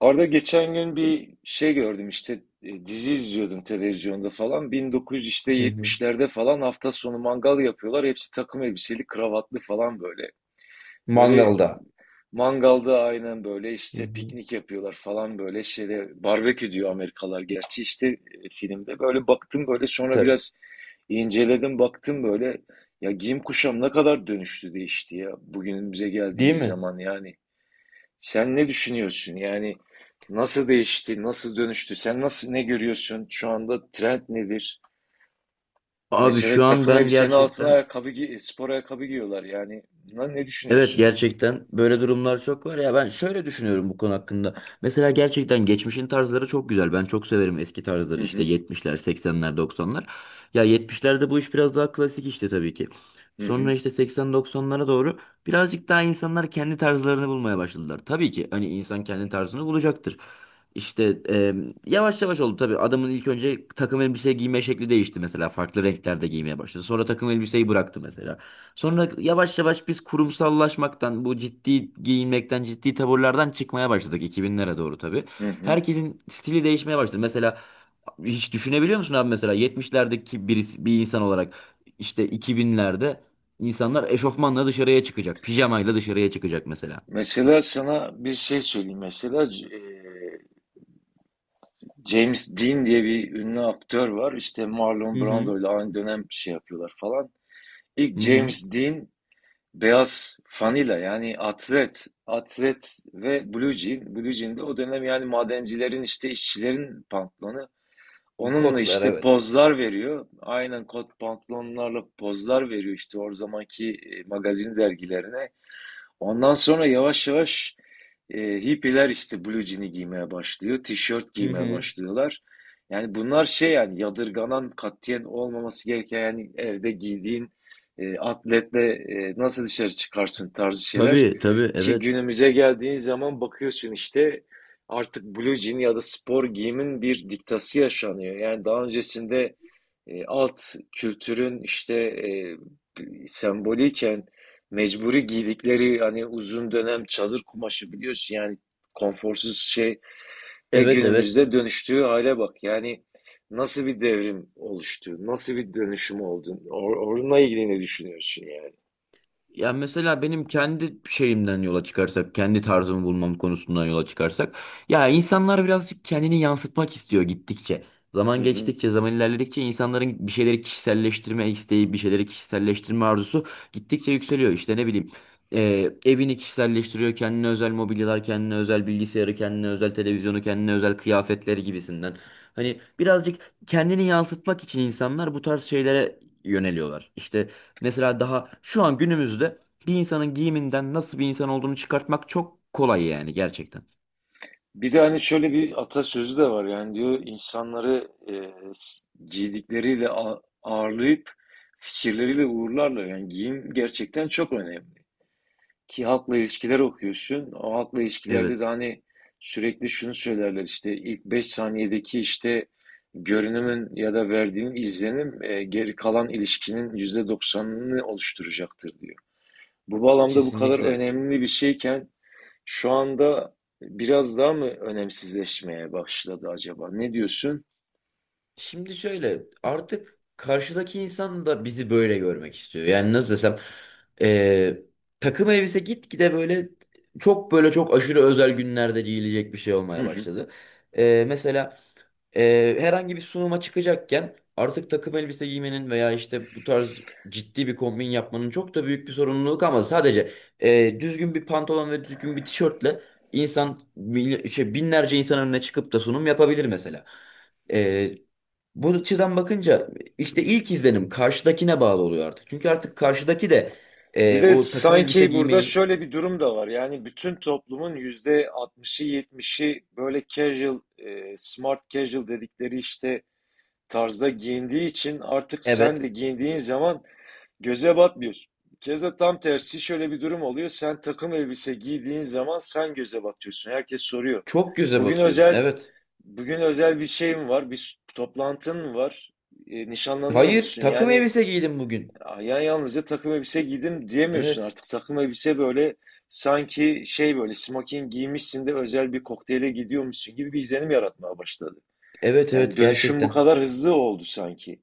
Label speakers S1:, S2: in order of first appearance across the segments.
S1: Arada geçen gün bir şey gördüm işte dizi izliyordum televizyonda falan
S2: Hı hı.
S1: 1970'lerde falan hafta sonu mangal yapıyorlar, hepsi takım elbiseli, kravatlı falan, böyle
S2: Mangalda.
S1: mangalda. Aynen böyle
S2: Hı
S1: işte
S2: hı.
S1: piknik yapıyorlar falan, böyle şeyde, barbekü diyor Amerikalılar gerçi, işte filmde böyle baktım, böyle sonra
S2: Tabii.
S1: biraz inceledim, baktım böyle ya giyim kuşam ne kadar dönüştü, değişti ya bugünümüze
S2: Değil
S1: geldiğimiz
S2: mi?
S1: zaman. Yani sen ne düşünüyorsun? Yani nasıl değişti, nasıl dönüştü? Sen nasıl, ne görüyorsun? Şu anda trend nedir?
S2: Abi şu
S1: Mesela
S2: an
S1: takım
S2: ben
S1: elbisenin altına
S2: gerçekten.
S1: ayakkabı, spor ayakkabı giyiyorlar. Yani bundan ne
S2: Evet,
S1: düşünüyorsun?
S2: gerçekten böyle durumlar çok var ya, ben şöyle düşünüyorum bu konu hakkında. Mesela gerçekten geçmişin tarzları çok güzel. Ben çok severim eski
S1: Hı
S2: tarzları işte
S1: hı,
S2: 70'ler, 80'ler, 90'lar. Ya 70'lerde bu iş biraz daha klasik işte tabii ki.
S1: hı hı,
S2: Sonra işte 80-90'lara doğru birazcık daha insanlar kendi tarzlarını bulmaya başladılar. Tabii ki hani insan kendi tarzını bulacaktır. İşte, yavaş yavaş oldu tabii. Adamın ilk önce takım elbise giyme şekli değişti mesela. Farklı renklerde giymeye başladı. Sonra takım elbiseyi bıraktı mesela. Sonra yavaş yavaş biz kurumsallaşmaktan, bu ciddi giyinmekten, ciddi taburlardan çıkmaya başladık 2000'lere doğru tabii.
S1: hı hı.
S2: Herkesin stili değişmeye başladı. Mesela hiç düşünebiliyor musun abi, mesela 70'lerdeki birisi, bir insan olarak işte 2000'lerde insanlar eşofmanla dışarıya çıkacak, pijamayla dışarıya çıkacak mesela.
S1: Mesela sana bir şey söyleyeyim. Mesela James Dean diye bir ünlü aktör var. İşte Marlon
S2: Hı hı.
S1: Brando ile aynı dönem bir şey yapıyorlar falan.
S2: Hı
S1: İlk
S2: hı.
S1: James Dean beyaz fanila, yani atlet ve blue jean. Blue jean de o dönem yani madencilerin, işte işçilerin pantolonu. Onunla
S2: Kodlar,
S1: işte
S2: evet.
S1: pozlar veriyor. Aynen kot pantolonlarla pozlar veriyor işte o zamanki magazin dergilerine. Ondan sonra yavaş yavaş hippiler işte blue jean'i giymeye başlıyor. Tişört
S2: Hı
S1: giymeye
S2: hı.
S1: başlıyorlar. Yani bunlar şey yani yadırganan, katiyen olmaması gereken, yani evde giydiğin atletle nasıl dışarı çıkarsın tarzı şeyler.
S2: Tabii, tabii,
S1: Ki
S2: evet.
S1: günümüze geldiğin zaman bakıyorsun işte artık blue jean ya da spor giyimin bir diktası yaşanıyor. Yani daha öncesinde alt kültürün işte sembolüyken, mecburi giydikleri, hani uzun dönem çadır kumaşı, biliyorsun yani, konforsuz şey ve
S2: Evet, evet.
S1: günümüzde dönüştüğü hale bak. Yani nasıl bir devrim oluştu, nasıl bir dönüşüm oldu. Onunla ilgili ne düşünüyorsun yani?
S2: Ya mesela benim kendi şeyimden yola çıkarsak, kendi tarzımı bulmam konusundan yola çıkarsak, ya insanlar birazcık kendini yansıtmak istiyor gittikçe.
S1: Hı
S2: Zaman
S1: hı.
S2: geçtikçe, zaman ilerledikçe insanların bir şeyleri kişiselleştirme isteği, bir şeyleri kişiselleştirme arzusu gittikçe yükseliyor. İşte ne bileyim, evini kişiselleştiriyor, kendine özel mobilyalar, kendine özel bilgisayarı, kendine özel televizyonu, kendine özel kıyafetleri gibisinden. Hani birazcık kendini yansıtmak için insanlar bu tarz şeylere yöneliyorlar. İşte mesela daha şu an günümüzde bir insanın giyiminden nasıl bir insan olduğunu çıkartmak çok kolay, yani gerçekten.
S1: Bir de hani şöyle bir atasözü de var, yani diyor, insanları giydikleriyle ağırlayıp fikirleriyle uğurlarlar. Yani giyim gerçekten çok önemli. Ki halkla ilişkiler okuyorsun. O halkla ilişkilerde de
S2: Evet.
S1: hani sürekli şunu söylerler işte: ilk 5 saniyedeki işte görünümün ya da verdiğin izlenim geri kalan ilişkinin %90'ını oluşturacaktır diyor. Bu bağlamda bu kadar
S2: Kesinlikle.
S1: önemli bir şeyken şu anda biraz daha mı önemsizleşmeye başladı acaba? Ne diyorsun?
S2: Şimdi şöyle, artık karşıdaki insan da bizi böyle görmek istiyor. Yani nasıl desem, eee, takım elbise gitgide böyle çok, böyle çok aşırı özel günlerde giyilecek bir şey olmaya başladı. Mesela herhangi bir sunuma çıkacakken artık takım elbise giymenin veya işte bu tarz ciddi bir kombin yapmanın çok da büyük bir sorumluluk, ama sadece düzgün bir pantolon ve düzgün bir tişörtle binlerce insan önüne çıkıp da sunum yapabilir mesela. Bu açıdan bakınca işte ilk izlenim karşıdakine bağlı oluyor artık. Çünkü artık karşıdaki de
S1: Bir de
S2: o takım elbise
S1: sanki burada
S2: giymeyi.
S1: şöyle bir durum da var. Yani bütün toplumun yüzde 60'ı, 70'i böyle casual, smart casual dedikleri işte tarzda giyindiği için artık sen de
S2: Evet.
S1: giyindiğin zaman göze batmıyorsun. Keza tam tersi şöyle bir durum oluyor: sen takım elbise giydiğin zaman sen göze batıyorsun. Herkes soruyor:
S2: Çok göze
S1: Bugün
S2: batıyorsun.
S1: özel
S2: Evet.
S1: bugün özel bir şey mi var? Bir toplantın mı var? Nişanlanıyor
S2: Hayır,
S1: musun?
S2: takım
S1: Yani
S2: elbise giydim bugün.
S1: ya yalnızca takım elbise giydim diyemiyorsun
S2: Evet.
S1: artık. Takım elbise böyle, sanki şey, böyle smoking giymişsin de özel bir kokteyle gidiyormuşsun gibi bir izlenim yaratmaya başladı.
S2: Evet,
S1: Yani
S2: evet,
S1: dönüşüm bu
S2: gerçekten.
S1: kadar hızlı oldu sanki.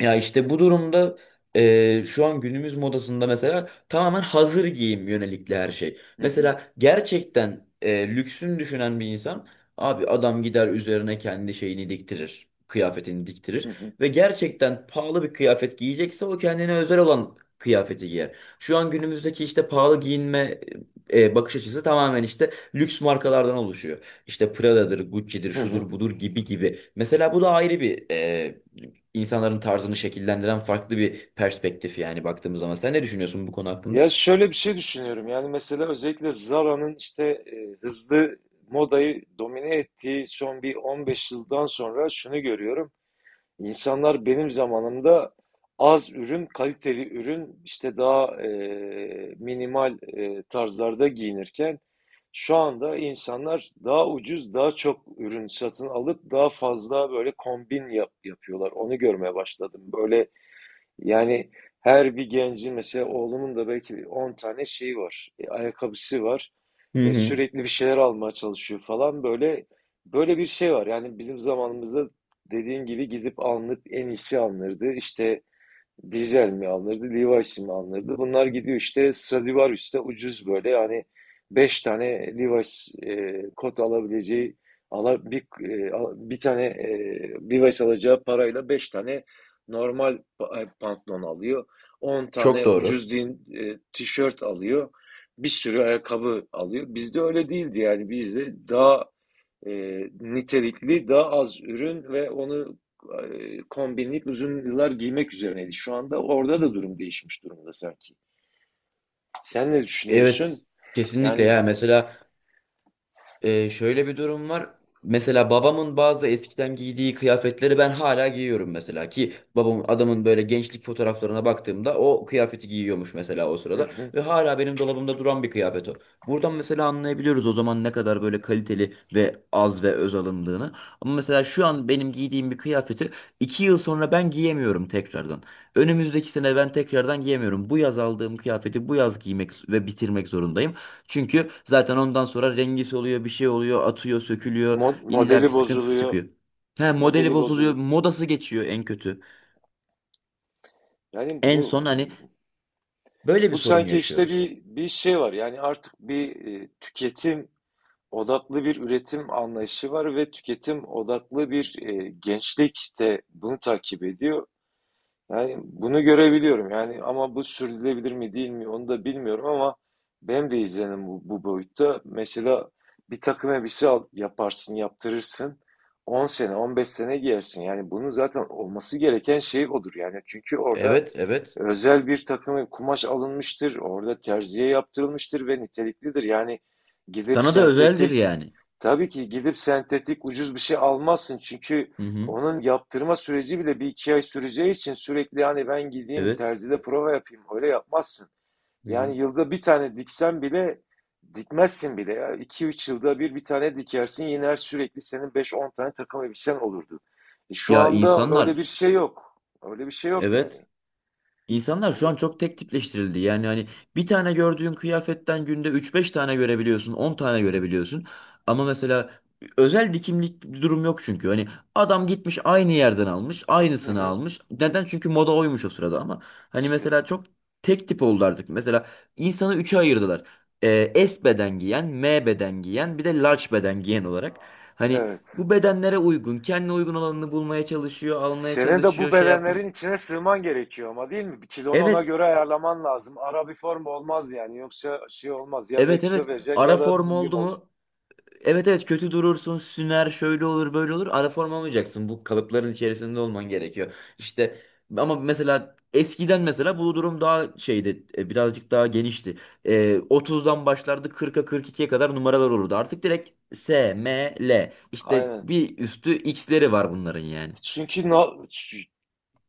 S2: Ya işte bu durumda şu an günümüz modasında mesela tamamen hazır giyim yönelikli her şey.
S1: Hı hı,
S2: Mesela gerçekten lüksün düşünen bir insan, abi adam gider üzerine kendi şeyini diktirir. Kıyafetini diktirir
S1: hı hı,
S2: ve gerçekten pahalı bir kıyafet giyecekse o kendine özel olan kıyafeti giyer. Şu an günümüzdeki işte pahalı giyinme bakış açısı tamamen işte lüks markalardan oluşuyor. İşte Prada'dır, Gucci'dir,
S1: hı hı.
S2: şudur budur gibi gibi. Mesela bu da ayrı bir insanların tarzını şekillendiren farklı bir perspektif, yani baktığımız zaman. Sen ne düşünüyorsun bu konu hakkında?
S1: Ya şöyle bir şey düşünüyorum. Yani mesela özellikle Zara'nın işte hızlı modayı domine ettiği son bir 15 yıldan sonra şunu görüyorum. İnsanlar benim zamanımda az ürün, kaliteli ürün, işte daha minimal tarzlarda giyinirken şu anda insanlar daha ucuz, daha çok ürün satın alıp daha fazla böyle kombin yapıyorlar. Onu görmeye başladım. Böyle, yani her bir gencin, mesela oğlumun da belki 10 tane şeyi var. Ayakkabısı var.
S2: Hı
S1: E,
S2: hı.
S1: sürekli bir şeyler almaya çalışıyor falan. Böyle böyle bir şey var. Yani bizim zamanımızda, dediğin gibi, gidip alınıp en iyisi alınırdı. İşte Dizel mi alınırdı, Levi's mi alınırdı? Bunlar gidiyor işte Stradivarius'ta ucuz, böyle yani 5 tane Levi's kot alabileceği, ala, bir, bir tane Levi's alacağı parayla 5 tane normal pantolon alıyor. on
S2: Çok
S1: tane
S2: doğru.
S1: ucuz tişört alıyor. Bir sürü ayakkabı alıyor. Bizde öyle değildi, yani bizde daha e, nitelikli, daha az ürün ve onu kombinleyip uzun yıllar giymek üzerineydi. Şu anda orada da durum değişmiş durumda sanki. Sen ne
S2: Evet,
S1: düşünüyorsun?
S2: kesinlikle,
S1: Yani.
S2: ya mesela şöyle bir durum var. Mesela babamın bazı eskiden giydiği kıyafetleri ben hala giyiyorum mesela, ki babamın, adamın böyle gençlik fotoğraflarına baktığımda o kıyafeti giyiyormuş mesela o
S1: Hı
S2: sırada
S1: hı.
S2: ve hala benim dolabımda duran bir kıyafet o. Buradan mesela anlayabiliyoruz o zaman ne kadar böyle kaliteli ve az ve öz alındığını. Ama mesela şu an benim giydiğim bir kıyafeti 2 yıl sonra ben giyemiyorum tekrardan. Önümüzdeki sene ben tekrardan giyemiyorum. Bu yaz aldığım kıyafeti bu yaz giymek ve bitirmek zorundayım. Çünkü zaten ondan sonra rengi soluyor, bir şey oluyor, atıyor, sökülüyor. İlla
S1: Modeli
S2: bir sıkıntısı
S1: bozuluyor,
S2: çıkıyor. He,
S1: modeli
S2: modeli bozuluyor,
S1: bozuluyor.
S2: modası geçiyor en kötü.
S1: Yani
S2: En
S1: bu
S2: son hani böyle bir
S1: bu
S2: sorun
S1: sanki işte
S2: yaşıyoruz.
S1: bir şey var. Yani artık bir tüketim odaklı bir üretim anlayışı var ve tüketim odaklı bir gençlik de bunu takip ediyor. Yani bunu görebiliyorum yani, ama bu sürdürülebilir mi değil mi onu da bilmiyorum ama benim de izlenim bu boyutta. Mesela bir takım elbise al, yaparsın, yaptırırsın. 10 sene, 15 sene giyersin. Yani bunun zaten olması gereken şey odur. Yani çünkü orada
S2: Evet, evet.
S1: özel bir takım kumaş alınmıştır. Orada terziye yaptırılmıştır ve niteliklidir. Yani gidip
S2: Sana da özeldir
S1: sentetik,
S2: yani.
S1: tabii ki gidip sentetik ucuz bir şey almazsın. Çünkü
S2: Hı hı.
S1: onun yaptırma süreci bile bir iki ay süreceği için sürekli yani ben gideyim
S2: Evet.
S1: terzide prova yapayım, öyle yapmazsın.
S2: Hı hı.
S1: Yani yılda bir tane diksen bile, dikmezsin bile ya. İki üç yılda bir bir tane dikersin, yine her sürekli senin beş on tane takım elbisen olurdu. E şu
S2: Ya
S1: anda öyle bir
S2: insanlar,
S1: şey yok. Öyle bir şey yok
S2: evet.
S1: yani.
S2: İnsanlar şu an
S1: Onu...
S2: çok tek tipleştirildi. Yani hani bir tane gördüğün kıyafetten günde üç beş tane görebiliyorsun, 10 tane görebiliyorsun. Ama mesela özel dikimlik bir durum yok çünkü. Hani adam gitmiş aynı yerden almış,
S1: Hı
S2: aynısını
S1: hı.
S2: almış. Neden? Çünkü moda oymuş o sırada ama. Hani
S1: İşte
S2: mesela çok tek tip oldu artık. Mesela insanı üçe ayırdılar. S beden giyen, M beden giyen, bir de large beden giyen olarak. Hani
S1: evet.
S2: bu bedenlere uygun, kendine uygun olanını bulmaya çalışıyor, almaya
S1: Senin de bu
S2: çalışıyor, şey yapmaya.
S1: bedenlerin içine sığman gerekiyor ama, değil mi? Bir kilonu ona
S2: Evet.
S1: göre ayarlaman lazım. Ara bir form olmaz yani. Yoksa şey olmaz. Ya ve
S2: Evet,
S1: kilo
S2: evet,
S1: vereceksin
S2: ara
S1: ya da
S2: form
S1: milyum
S2: oldu
S1: olacaksın.
S2: mu? Evet, evet, kötü durursun, süner, şöyle olur, böyle olur, ara form olmayacaksın, bu kalıpların içerisinde olman gerekiyor. İşte ama mesela eskiden mesela bu durum daha şeydi, birazcık daha genişti. E, 30'dan başlardı, 40'a 42'ye kadar numaralar olurdu, artık direkt S, M, L işte
S1: Aynen.
S2: bir üstü X'leri var bunların yani.
S1: Çünkü ç-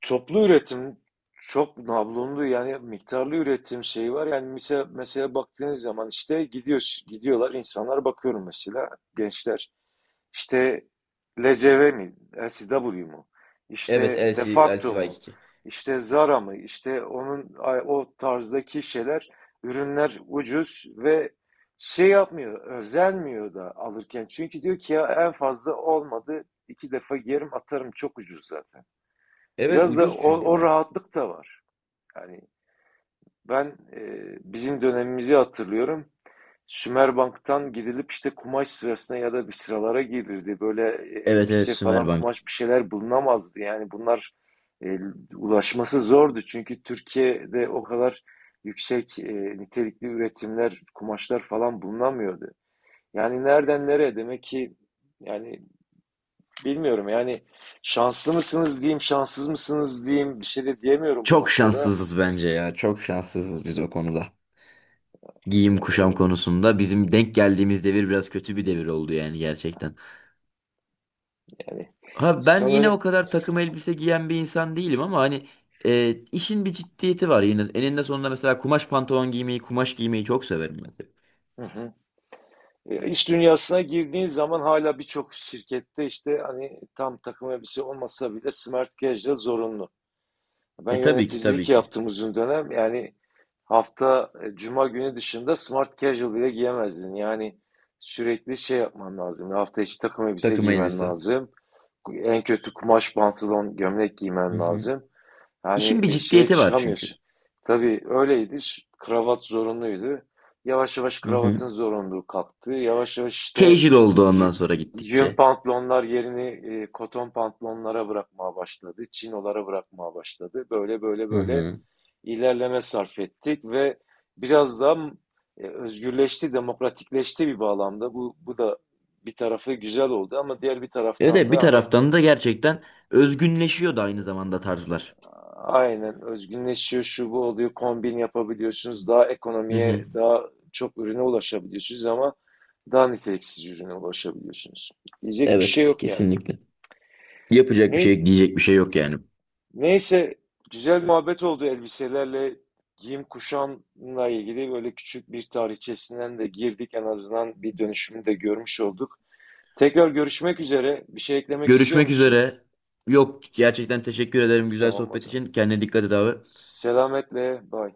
S1: toplu üretim, çok nablonlu yani miktarlı üretim şeyi var. Yani mesela, mesela baktığınız zaman işte gidiyor, gidiyorlar insanlar, bakıyorum mesela gençler. İşte LCV mi? LCW mu?
S2: Evet
S1: İşte de
S2: LC,
S1: facto mu?
S2: LCY2.
S1: İşte Zara mı? İşte onun o tarzdaki şeyler, ürünler ucuz ve şey yapmıyor, özenmiyor da alırken. Çünkü diyor ki ya en fazla olmadı iki defa giyerim, atarım, çok ucuz zaten.
S2: Evet,
S1: Biraz da
S2: ucuz
S1: o,
S2: çünkü
S1: o
S2: mal.
S1: rahatlık da var. Yani ben e, bizim dönemimizi hatırlıyorum. Sümerbank'tan gidilip işte kumaş sırasına ya da bir sıralara girilirdi. Böyle
S2: Evet, evet,
S1: elbise falan,
S2: Sümerbank.
S1: kumaş, bir şeyler bulunamazdı. Yani bunlar e, ulaşması zordu. Çünkü Türkiye'de o kadar yüksek nitelikli üretimler, kumaşlar falan bulunamıyordu. Yani nereden nereye, demek ki, yani bilmiyorum. Yani şanslı mısınız diyeyim, şanssız mısınız diyeyim, bir şey de diyemiyorum bu
S2: Çok
S1: noktada.
S2: şanssızız bence ya, çok şanssızız biz o konuda. Giyim kuşam
S1: Vallahi,
S2: konusunda bizim denk geldiğimiz devir biraz kötü bir devir oldu, yani gerçekten.
S1: yani
S2: Ha ben yine o
S1: sanırım.
S2: kadar takım elbise giyen bir insan değilim, ama hani işin bir ciddiyeti var yine. Eninde sonunda mesela kumaş pantolon giymeyi, kumaş giymeyi çok severim mesela.
S1: Hı hı. E, İş dünyasına girdiğin zaman hala birçok şirkette işte hani tam takım elbise olmasa bile smart casual zorunlu. Ben
S2: E tabii ki, tabii
S1: yöneticilik
S2: ki,
S1: yaptım uzun dönem. Yani hafta cuma günü dışında smart casual bile giyemezdin. Yani sürekli şey yapman lazım. Yani hafta içi takım elbise
S2: takım
S1: giymen
S2: elbise.
S1: lazım. En kötü kumaş pantolon, gömlek
S2: Hı
S1: giymen
S2: hı.
S1: lazım.
S2: İşin
S1: Yani
S2: bir
S1: şeye
S2: ciddiyeti var
S1: çıkamıyorsun.
S2: çünkü.
S1: Tabii öyleydi. Kravat zorunluydu. Yavaş yavaş
S2: Hı hı.
S1: kravatın zorunluluğu kalktı. Yavaş yavaş işte
S2: Casual oldu
S1: y-
S2: ondan sonra
S1: yün
S2: gittikçe.
S1: pantolonlar yerini koton pantolonlara bırakmaya başladı. Çinolara bırakmaya başladı. Böyle böyle
S2: Hı
S1: böyle
S2: hı.
S1: ilerleme sarf ettik ve biraz daha özgürleşti, demokratikleşti bir bağlamda. Bu da bir tarafı güzel oldu ama diğer bir
S2: Evet,
S1: taraftan
S2: evet, bir
S1: da hani,
S2: taraftan da gerçekten özgünleşiyor da aynı zamanda tarzlar.
S1: aynen, özgünleşiyor, şu bu oluyor, kombin yapabiliyorsunuz, daha
S2: Hı
S1: ekonomiye,
S2: hı.
S1: daha çok ürüne ulaşabiliyorsunuz ama daha niteliksiz ürüne ulaşabiliyorsunuz. Diyecek bir şey
S2: Evet,
S1: yok yani.
S2: kesinlikle. Yapacak bir
S1: Neyse,
S2: şey, diyecek bir şey yok yani.
S1: neyse, güzel muhabbet oldu elbiselerle, giyim kuşamla ilgili böyle küçük bir tarihçesinden de girdik, en azından bir dönüşümü de görmüş olduk. Tekrar görüşmek üzere. Bir şey eklemek istiyor
S2: Görüşmek
S1: musun?
S2: üzere. Yok, gerçekten teşekkür ederim güzel
S1: Tamam o
S2: sohbet
S1: zaman.
S2: için. Kendine dikkat et abi.
S1: Selametle, bye.